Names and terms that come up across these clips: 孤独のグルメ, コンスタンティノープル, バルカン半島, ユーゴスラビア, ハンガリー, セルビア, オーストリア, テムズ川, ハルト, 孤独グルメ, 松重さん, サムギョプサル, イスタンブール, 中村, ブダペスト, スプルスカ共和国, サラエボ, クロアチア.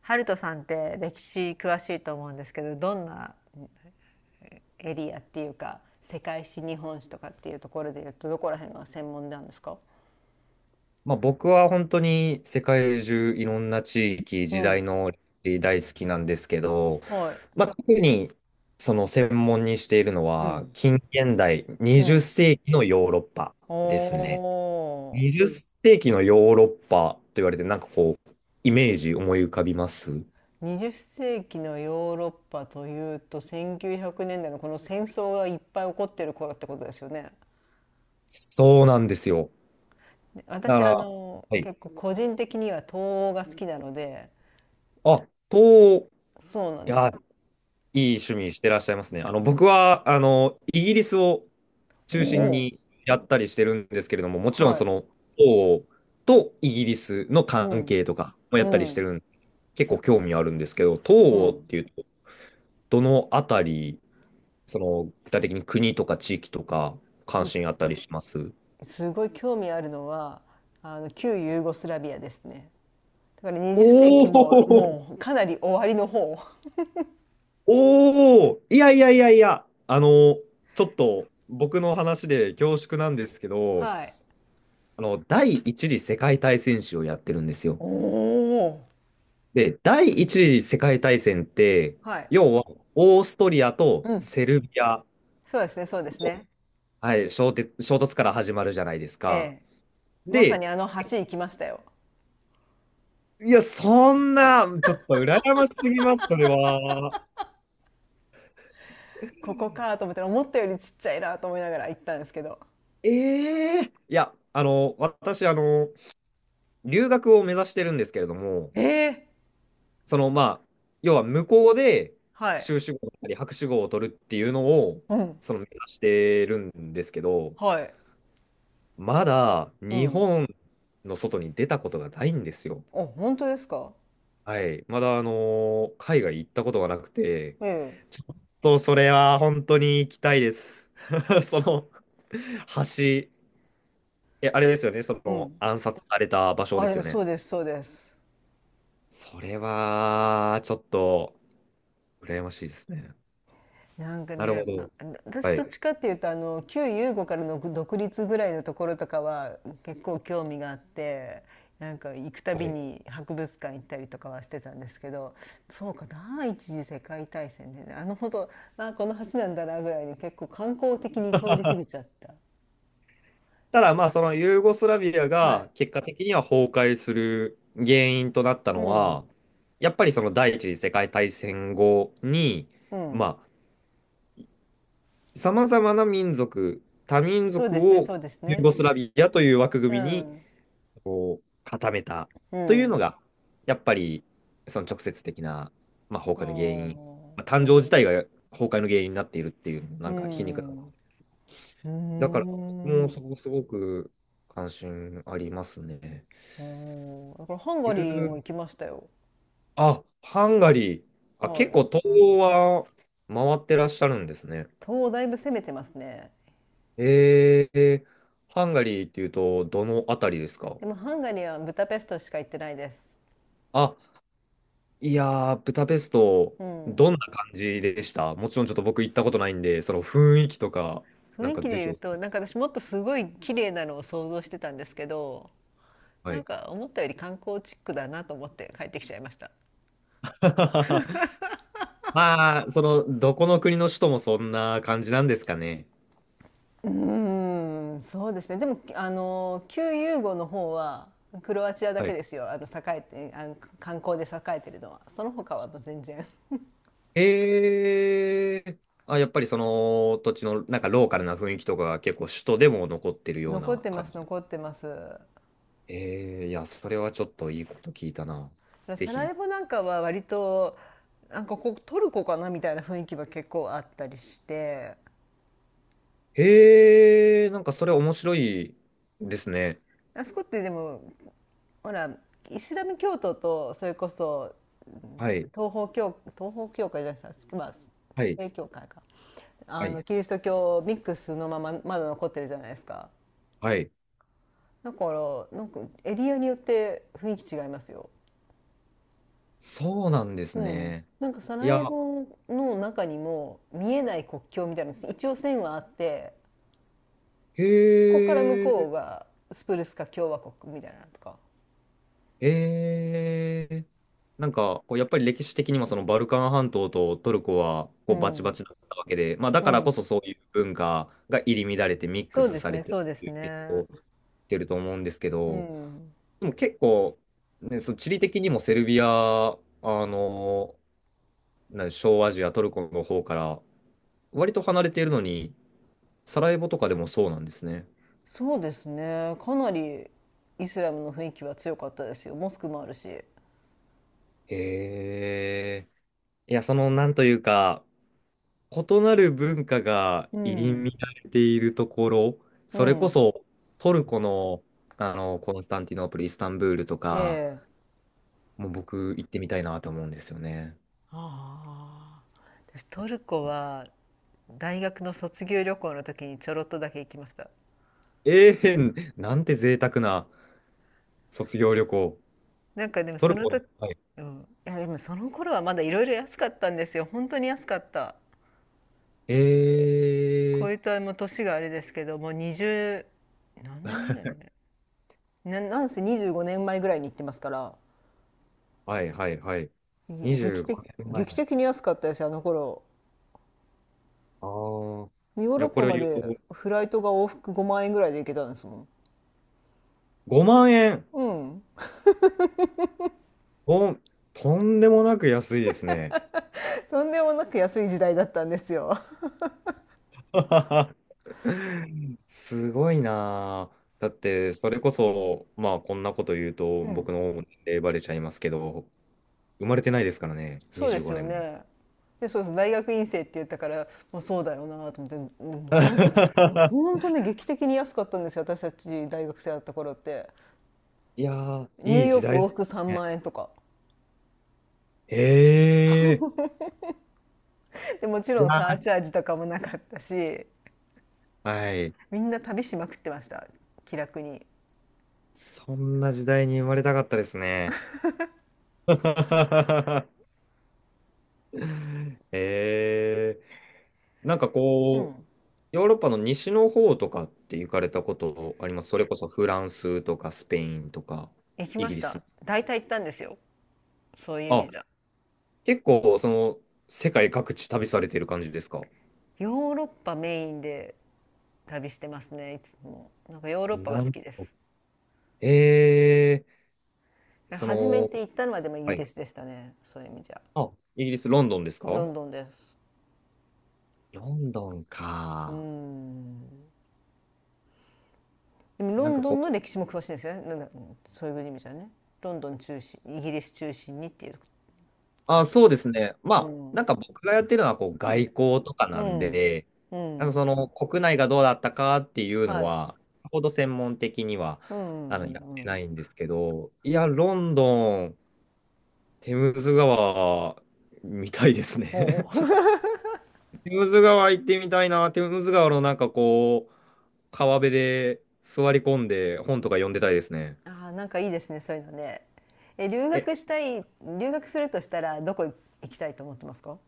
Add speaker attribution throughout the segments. Speaker 1: ハルトさんって歴史詳しいと思うんですけど、どんなエリアっていうか、世界史日本史とかっていうところで言うと、どこら辺が専門なんですか？
Speaker 2: まあ、僕は本当に世界中いろんな地域、
Speaker 1: う
Speaker 2: 時代
Speaker 1: ん、
Speaker 2: の歴史大好きなんですけど、
Speaker 1: はい。
Speaker 2: まあ、特にその専門にしているの
Speaker 1: う
Speaker 2: は
Speaker 1: ん、
Speaker 2: 近現代
Speaker 1: う
Speaker 2: 20
Speaker 1: ん。
Speaker 2: 世紀のヨーロッパですね。
Speaker 1: お
Speaker 2: 20世紀のヨーロッパと言われてなんかこうイメージ思い浮かびます？
Speaker 1: ー。20世紀のヨーロッパというと、1900年代のこの戦争がいっぱい起こってる頃ってことですよね。
Speaker 2: そうなんですよ。
Speaker 1: で、
Speaker 2: だか
Speaker 1: 私
Speaker 2: ら、はい。
Speaker 1: 結構個人的には東欧が好きなので。
Speaker 2: あ、
Speaker 1: そうなん
Speaker 2: い
Speaker 1: です。
Speaker 2: や、いい趣味してらっしゃいますね。僕は、イギリスを
Speaker 1: お
Speaker 2: 中心
Speaker 1: お、
Speaker 2: にやったりしてるんですけれども、もちろん
Speaker 1: は
Speaker 2: そ
Speaker 1: い。
Speaker 2: の、王とイギリスの
Speaker 1: う
Speaker 2: 関
Speaker 1: ん、
Speaker 2: 係とかもや
Speaker 1: う
Speaker 2: ったりして
Speaker 1: ん、
Speaker 2: るんで、結構興味あるんですけど、東
Speaker 1: う
Speaker 2: 欧っ
Speaker 1: ん。
Speaker 2: ていうと、どのあたり、その、具体的に国とか地域とか、関心あったりします？
Speaker 1: すごい興味あるのは旧ユーゴスラビアですね。だから20世
Speaker 2: お
Speaker 1: 紀も
Speaker 2: お、
Speaker 1: もうかなり終わりの方。
Speaker 2: おお、いやいやいやいや、ちょっと僕の話で恐縮なんですけど、
Speaker 1: はい。
Speaker 2: 第一次世界大戦史をやってるんですよ。
Speaker 1: おお。
Speaker 2: で、第一次世界大戦って、
Speaker 1: はい。
Speaker 2: 要はオーストリアと
Speaker 1: うん。
Speaker 2: セルビア、
Speaker 1: そうですね、そうですね。
Speaker 2: はい、衝突から始まるじゃないです
Speaker 1: え
Speaker 2: か。
Speaker 1: え。まさ
Speaker 2: で、
Speaker 1: にあの橋行きましたよ。
Speaker 2: いや、そんな、ちょっと羨ましすぎます、それは。
Speaker 1: ここかと思ったら、思ったよりちっちゃいなと思いながら行ったんですけど。
Speaker 2: ええいや、私、留学を目指してるんですけれども、
Speaker 1: ええ。
Speaker 2: その、まあ、要は向こうで
Speaker 1: はい。
Speaker 2: 修士号だったり博士号を取るっていうのを、
Speaker 1: うん。
Speaker 2: その目指してるんですけど、
Speaker 1: はい。
Speaker 2: まだ
Speaker 1: う
Speaker 2: 日
Speaker 1: ん。
Speaker 2: 本の外に出たことがないんですよ。
Speaker 1: あ、本当ですか？
Speaker 2: はい。まだ、海外行ったことがなくて、
Speaker 1: ええ。
Speaker 2: ちょっとそれは本当に行きたいです。その橋、え、あれですよね。そ
Speaker 1: う
Speaker 2: の
Speaker 1: ん。
Speaker 2: 暗殺された場所
Speaker 1: あ
Speaker 2: です
Speaker 1: れ、
Speaker 2: よ
Speaker 1: そ
Speaker 2: ね。
Speaker 1: うです、そうです。
Speaker 2: それは、ちょっと、羨ましいですね。
Speaker 1: なんか
Speaker 2: なるほ
Speaker 1: ね、あ、
Speaker 2: ど。
Speaker 1: 私
Speaker 2: は
Speaker 1: ど
Speaker 2: い。
Speaker 1: っちかっていうと、旧ユーゴからの独立ぐらいのところとかは結構興味があって、なんか行くた
Speaker 2: は
Speaker 1: び
Speaker 2: い、
Speaker 1: に博物館行ったりとかはしてたんですけど、そうか、第一次世界大戦でね、あのほど、あ、この橋なんだなぐらいに結構観光的に通り過ぎちゃった。
Speaker 2: ただまあそのユーゴスラビア
Speaker 1: は
Speaker 2: が
Speaker 1: い。
Speaker 2: 結果的には崩壊する原因となった
Speaker 1: う
Speaker 2: のは
Speaker 1: ん。
Speaker 2: やっぱりその第一次世界大戦後に、
Speaker 1: うん。
Speaker 2: まあ、さまざまな民族多民
Speaker 1: そう
Speaker 2: 族
Speaker 1: ですね、
Speaker 2: を
Speaker 1: そうです
Speaker 2: ユー
Speaker 1: ね。
Speaker 2: ゴスラビアという枠
Speaker 1: う
Speaker 2: 組みに
Speaker 1: ん。
Speaker 2: 固めた
Speaker 1: う
Speaker 2: というの
Speaker 1: ん。
Speaker 2: が、やっぱりその直接的な、まあ、
Speaker 1: あ
Speaker 2: 崩壊の原因、まあ、
Speaker 1: あ。
Speaker 2: 誕生自体が崩壊の原因になっているっていう、
Speaker 1: う
Speaker 2: なんか皮肉なもの
Speaker 1: ん。うー
Speaker 2: だから、僕もそ
Speaker 1: ん。
Speaker 2: こすごく関心ありますね。
Speaker 1: だからハン
Speaker 2: ユ
Speaker 1: ガリーも
Speaker 2: ー
Speaker 1: 行きましたよ。
Speaker 2: あ、ハンガリー。あ、
Speaker 1: は
Speaker 2: 結
Speaker 1: い。
Speaker 2: 構東欧は回ってらっしゃるんですね。
Speaker 1: 東だいぶ攻めてますね。
Speaker 2: えー、ハンガリーっていうと、どのあたりですか？
Speaker 1: でもハンガリーはブダペストしか行ってないです。
Speaker 2: あ、いやー、ブダペスト、
Speaker 1: うん。
Speaker 2: どんな感じでした？もちろんちょっと僕行ったことないんで、その雰囲気とか、なん
Speaker 1: 雰囲
Speaker 2: か
Speaker 1: 気で
Speaker 2: ぜひ
Speaker 1: 言う
Speaker 2: お、
Speaker 1: と、なんか私もっとすごい綺麗なのを想像してたんですけど、
Speaker 2: は
Speaker 1: なん
Speaker 2: い。
Speaker 1: か思ったより観光チックだなと思って帰ってきちゃいました。
Speaker 2: まあ、その、どこの国の首都もそんな感じなんですかね。
Speaker 1: うーん、そうですね。でも、旧ユーゴの方は、クロアチアだ
Speaker 2: は
Speaker 1: け
Speaker 2: い。
Speaker 1: ですよ。栄えて、観光で栄えてるのは。その他はもう全然。
Speaker 2: えー、あ、やっぱりその土地のなんかローカルな雰囲気とかが結構首都でも残ってる よう
Speaker 1: 残っ
Speaker 2: な
Speaker 1: てま
Speaker 2: 感
Speaker 1: す、
Speaker 2: じ。
Speaker 1: 残ってます。
Speaker 2: ええいや、それはちょっといいこと聞いたな。ぜ
Speaker 1: サラ
Speaker 2: ひ。
Speaker 1: エボなんかは割と、なんかここトルコかなみたいな雰囲気は結構あったりして、
Speaker 2: ええ、なんかそれ面白いですね。
Speaker 1: あそこってでもほら、イスラム教徒とそれこそ
Speaker 2: はい、
Speaker 1: 東方教会じゃないですか、まあ、
Speaker 2: はい、
Speaker 1: 正教会か、
Speaker 2: は
Speaker 1: あ
Speaker 2: い、
Speaker 1: のキリスト教ミックスのまままだ残ってるじゃないですか。
Speaker 2: はい。
Speaker 1: だからなんかエリアによって雰囲気違いますよ。
Speaker 2: そうなんです
Speaker 1: うん、
Speaker 2: ね。
Speaker 1: なんかサ
Speaker 2: い
Speaker 1: ラエ
Speaker 2: や、
Speaker 1: ボの中にも見えない国境みたいなの一応線はあって、
Speaker 2: へ
Speaker 1: こっから向こ
Speaker 2: え、
Speaker 1: うがスプルスカ共和国みたいなのとか。
Speaker 2: ええ、なんか、こうやっぱり歴史的にもそのバルカン半島とトルコは
Speaker 1: う
Speaker 2: こうバチバ
Speaker 1: ん。
Speaker 2: チだったわけで、まあだ
Speaker 1: う
Speaker 2: からこそ
Speaker 1: ん。
Speaker 2: そういう文化が入り乱れてミック
Speaker 1: そう
Speaker 2: ス
Speaker 1: です
Speaker 2: され
Speaker 1: ね、
Speaker 2: てっ
Speaker 1: そうで
Speaker 2: て
Speaker 1: す
Speaker 2: いう影響
Speaker 1: ね。
Speaker 2: を受けてると思うんですけ
Speaker 1: う
Speaker 2: ど、
Speaker 1: ん。
Speaker 2: でも結構、ね、その地理的にもセルビア、あの、な、小アジア、トルコの方から割と離れているのに、サラエボとかでもそうなんですね。
Speaker 1: そうですね。かなりイスラムの雰囲気は強かったですよ。モスクもあるし。
Speaker 2: へえ。いや、その、なんというか、異なる文化が
Speaker 1: う
Speaker 2: 入り乱
Speaker 1: ん。
Speaker 2: れているところ、
Speaker 1: う
Speaker 2: それこ
Speaker 1: ん。
Speaker 2: そトルコの、コンスタンティノープル、イスタンブールと
Speaker 1: え
Speaker 2: か、
Speaker 1: え。
Speaker 2: もう僕行ってみたいなと思うんですよね。
Speaker 1: ああ。私トルコは大学の卒業旅行の時にちょろっとだけ行きました。
Speaker 2: ええ、なんて贅沢な卒業旅行。
Speaker 1: なんかでも
Speaker 2: ト
Speaker 1: そ
Speaker 2: ル
Speaker 1: の
Speaker 2: コ。
Speaker 1: 時、うん。いやでもその頃はまだいろいろ安かったんですよ。本当に安かった。こ
Speaker 2: え
Speaker 1: いつ
Speaker 2: え、
Speaker 1: はもう年があれですけど、もう20、何年前ね、なんせ25年前ぐらいに行ってますから、
Speaker 2: はいはいはい。
Speaker 1: ぎ
Speaker 2: 25
Speaker 1: 劇的、
Speaker 2: 年
Speaker 1: 劇
Speaker 2: 前。
Speaker 1: 的に安かったですよ、あの頃。
Speaker 2: ああ。
Speaker 1: ヨー
Speaker 2: い
Speaker 1: ロ
Speaker 2: や、
Speaker 1: ッ
Speaker 2: こ
Speaker 1: パ
Speaker 2: れを
Speaker 1: ま
Speaker 2: 言うと、
Speaker 1: でフライトが往復5万円ぐらいで行けたんですもん。
Speaker 2: 5万円。
Speaker 1: うん。
Speaker 2: お、とんでもなく安いですね。
Speaker 1: とんでもなく安い時代だったんですよ。
Speaker 2: すごいなあ。だって、それこそ、まあ、こんなこと言うと、
Speaker 1: う
Speaker 2: 僕
Speaker 1: ん。
Speaker 2: の方も年齢バレちゃいますけど、生まれてないですからね、
Speaker 1: そうで
Speaker 2: 25
Speaker 1: す
Speaker 2: 年
Speaker 1: よ
Speaker 2: 前。
Speaker 1: ね。で、そうそう、大学院生って言ったから、もうそうだよなと思って、うん、いや 本当ね、劇的に安かったんですよ、私たち大学生だった頃って。
Speaker 2: いやー、
Speaker 1: ニュー
Speaker 2: いい
Speaker 1: ヨ
Speaker 2: 時
Speaker 1: ーク
Speaker 2: 代
Speaker 1: 往
Speaker 2: で
Speaker 1: 復
Speaker 2: す
Speaker 1: 3
Speaker 2: ね。
Speaker 1: 万円とか。
Speaker 2: ええ、
Speaker 1: でもち
Speaker 2: い
Speaker 1: ろんサー
Speaker 2: や、
Speaker 1: チャージとかもなかったし、
Speaker 2: はい。
Speaker 1: みんな旅しまくってました、気楽に。
Speaker 2: そんな時代に生まれたかったですね。えー、なんか
Speaker 1: う
Speaker 2: こう、
Speaker 1: ん、
Speaker 2: ヨーロッパの西の方とかって行かれたことあります？それこそフランスとかスペインとか
Speaker 1: 行き
Speaker 2: イ
Speaker 1: ま
Speaker 2: ギ
Speaker 1: し
Speaker 2: リス
Speaker 1: た。
Speaker 2: も。
Speaker 1: 大体行ったんですよ、そういう意
Speaker 2: あ、
Speaker 1: 味じゃ。
Speaker 2: 結構その世界各地旅されてる感じですか？
Speaker 1: ヨーロッパメインで旅してますね、いつも。なんかヨーロッパが
Speaker 2: な
Speaker 1: 好
Speaker 2: る
Speaker 1: きです。
Speaker 2: ほど。えー、そ
Speaker 1: 初め
Speaker 2: の、
Speaker 1: て行ったのはでもイギ
Speaker 2: は
Speaker 1: リ
Speaker 2: い。
Speaker 1: スでしたね、そういう意味じゃ。
Speaker 2: あ、イギリス、ロンドンです
Speaker 1: ロ
Speaker 2: か？
Speaker 1: ンドンです。
Speaker 2: ロンドン
Speaker 1: うー
Speaker 2: か。
Speaker 1: ん、でもロ
Speaker 2: なん
Speaker 1: ン
Speaker 2: か
Speaker 1: ドン
Speaker 2: こ
Speaker 1: の
Speaker 2: う、
Speaker 1: 歴史も詳しいんですよね、なんだ、そういう意味じゃね、ロンドン中心イギリス中心にっていうこ
Speaker 2: あ、
Speaker 1: と
Speaker 2: そうで
Speaker 1: だ
Speaker 2: すね。ま
Speaker 1: と。う
Speaker 2: あ、な
Speaker 1: ん、
Speaker 2: んか僕がやってるのはこう
Speaker 1: う
Speaker 2: 外交
Speaker 1: ん、
Speaker 2: とか
Speaker 1: う
Speaker 2: なん
Speaker 1: ん、
Speaker 2: で、
Speaker 1: う
Speaker 2: なんか
Speaker 1: ん、
Speaker 2: その国内がどうだったかっていうの
Speaker 1: はい。
Speaker 2: は、さほど専門的には
Speaker 1: うん、う
Speaker 2: やっ
Speaker 1: ん、
Speaker 2: て
Speaker 1: うん。
Speaker 2: ないんですけど、いや、ロンドン、テムズ川みたいですね。
Speaker 1: おお。
Speaker 2: テムズ川行ってみたいな。テムズ川のなんかこう、川辺で座り込んで本とか読んでたいですね。
Speaker 1: ああ、なんかいいですね、そういうのね。え、留
Speaker 2: え、
Speaker 1: 学したい、留学するとしたら、どこ行きたいと思ってますか？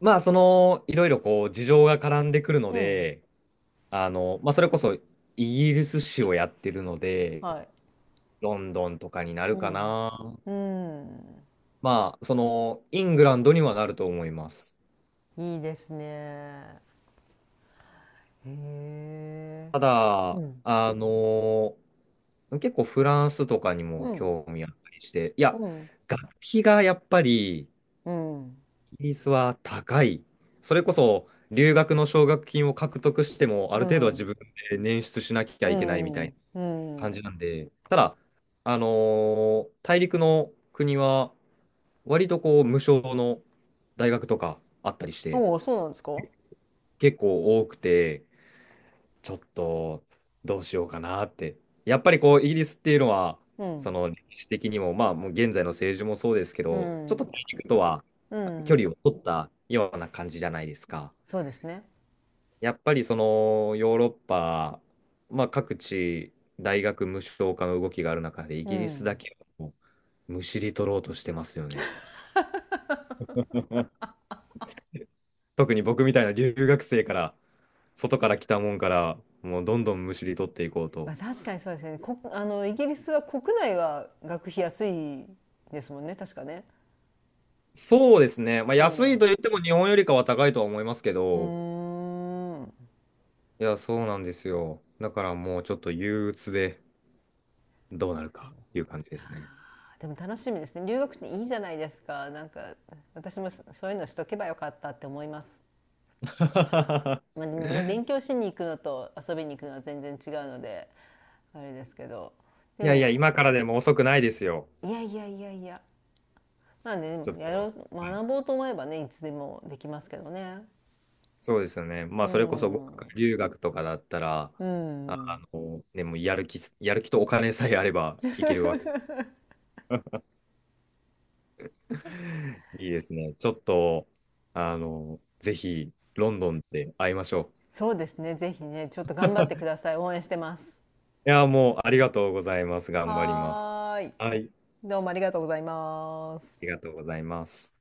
Speaker 2: まあそのいろいろこう事情が絡んでくるの
Speaker 1: うん。
Speaker 2: で、まあ、それこそイギリス史をやってるので、
Speaker 1: はい。
Speaker 2: ロンドンとかになる
Speaker 1: う
Speaker 2: か
Speaker 1: ん。
Speaker 2: な。
Speaker 1: うん。
Speaker 2: まあ、その、イングランドにはなると思います。
Speaker 1: いいですね。へえ。
Speaker 2: た
Speaker 1: う
Speaker 2: だ、
Speaker 1: ん。
Speaker 2: 結構フランスとかに
Speaker 1: う
Speaker 2: も
Speaker 1: ん。
Speaker 2: 興味あったりして、い
Speaker 1: う
Speaker 2: や、
Speaker 1: ん。
Speaker 2: 学費がやっぱりイ
Speaker 1: うん。
Speaker 2: ギリスは高い。それこそ留学の奨学金を獲得しても、
Speaker 1: う
Speaker 2: ある程度は自
Speaker 1: ん。
Speaker 2: 分で捻出しなきゃ
Speaker 1: う
Speaker 2: いけないみた
Speaker 1: ん。
Speaker 2: いな
Speaker 1: う
Speaker 2: 感
Speaker 1: ん。
Speaker 2: じなんで、ただ、あの大陸の国は割とこう無償の大学とかあったりして
Speaker 1: おお、そうなんですか？
Speaker 2: 結構多くて、ちょっとどうしようかなって。やっぱりこうイギリスっていうのは、
Speaker 1: う
Speaker 2: そ
Speaker 1: ん。
Speaker 2: の歴史的にも、まあ、もう現在の政治もそうですけ
Speaker 1: う
Speaker 2: ど、ちょっと
Speaker 1: ん。
Speaker 2: 大陸とは
Speaker 1: う
Speaker 2: 距離
Speaker 1: ん。
Speaker 2: を取ったような感じじゃないですか。
Speaker 1: そうですね。
Speaker 2: やっぱりそのヨーロッパ、まあ各地、大学無償化の動きがある中でイ
Speaker 1: う
Speaker 2: ギリスだ
Speaker 1: ん。
Speaker 2: けをむしり取ろうとしてますよね。 特に僕みたいな留学生から、外から来たもんから、もうどんどんむしり取っていこう
Speaker 1: ま
Speaker 2: と。
Speaker 1: あ、確かにそうですね、あのイギリスは国内は学費安いですもんね、確かね。
Speaker 2: そうですね。まあ、安い
Speaker 1: お、
Speaker 2: と言っても日本よりかは高いとは思いますけ
Speaker 1: う
Speaker 2: ど、
Speaker 1: ん、うーん。
Speaker 2: いや、そうなんですよ。だからもうちょっと憂鬱で、どうなるかっていう感じですね。
Speaker 1: でも楽しみですね、留学っていいじゃないですか、なんか私もそそういうのしとけばよかったって思います。まあ、でもね、勉強しに行くのと遊びに行くのは全然違うのであれですけど、で
Speaker 2: いやいや、
Speaker 1: も
Speaker 2: 今からでも遅くないですよ。
Speaker 1: いやいやいやいや、まあね、で
Speaker 2: ちょっ
Speaker 1: もやろ
Speaker 2: と。
Speaker 1: う
Speaker 2: はい、
Speaker 1: 学ぼうと思えばね、いつでもできますけどね。
Speaker 2: そうですよね。ま
Speaker 1: う
Speaker 2: あ、それこそ語
Speaker 1: ん、
Speaker 2: 学留学とかだったら、
Speaker 1: うん。
Speaker 2: ね、もうやる気とお金さえあればいけるわけ。 いいですね。ちょっと、ぜひ、ロンドンで会いましょ
Speaker 1: そうですね。ぜひね、ちょっと頑張ってください。応援してます。
Speaker 2: う。いや、もう、ありがとうございます。頑張ります。
Speaker 1: はーい。
Speaker 2: はい。あ
Speaker 1: どうもありがとうございます。
Speaker 2: りがとうございます。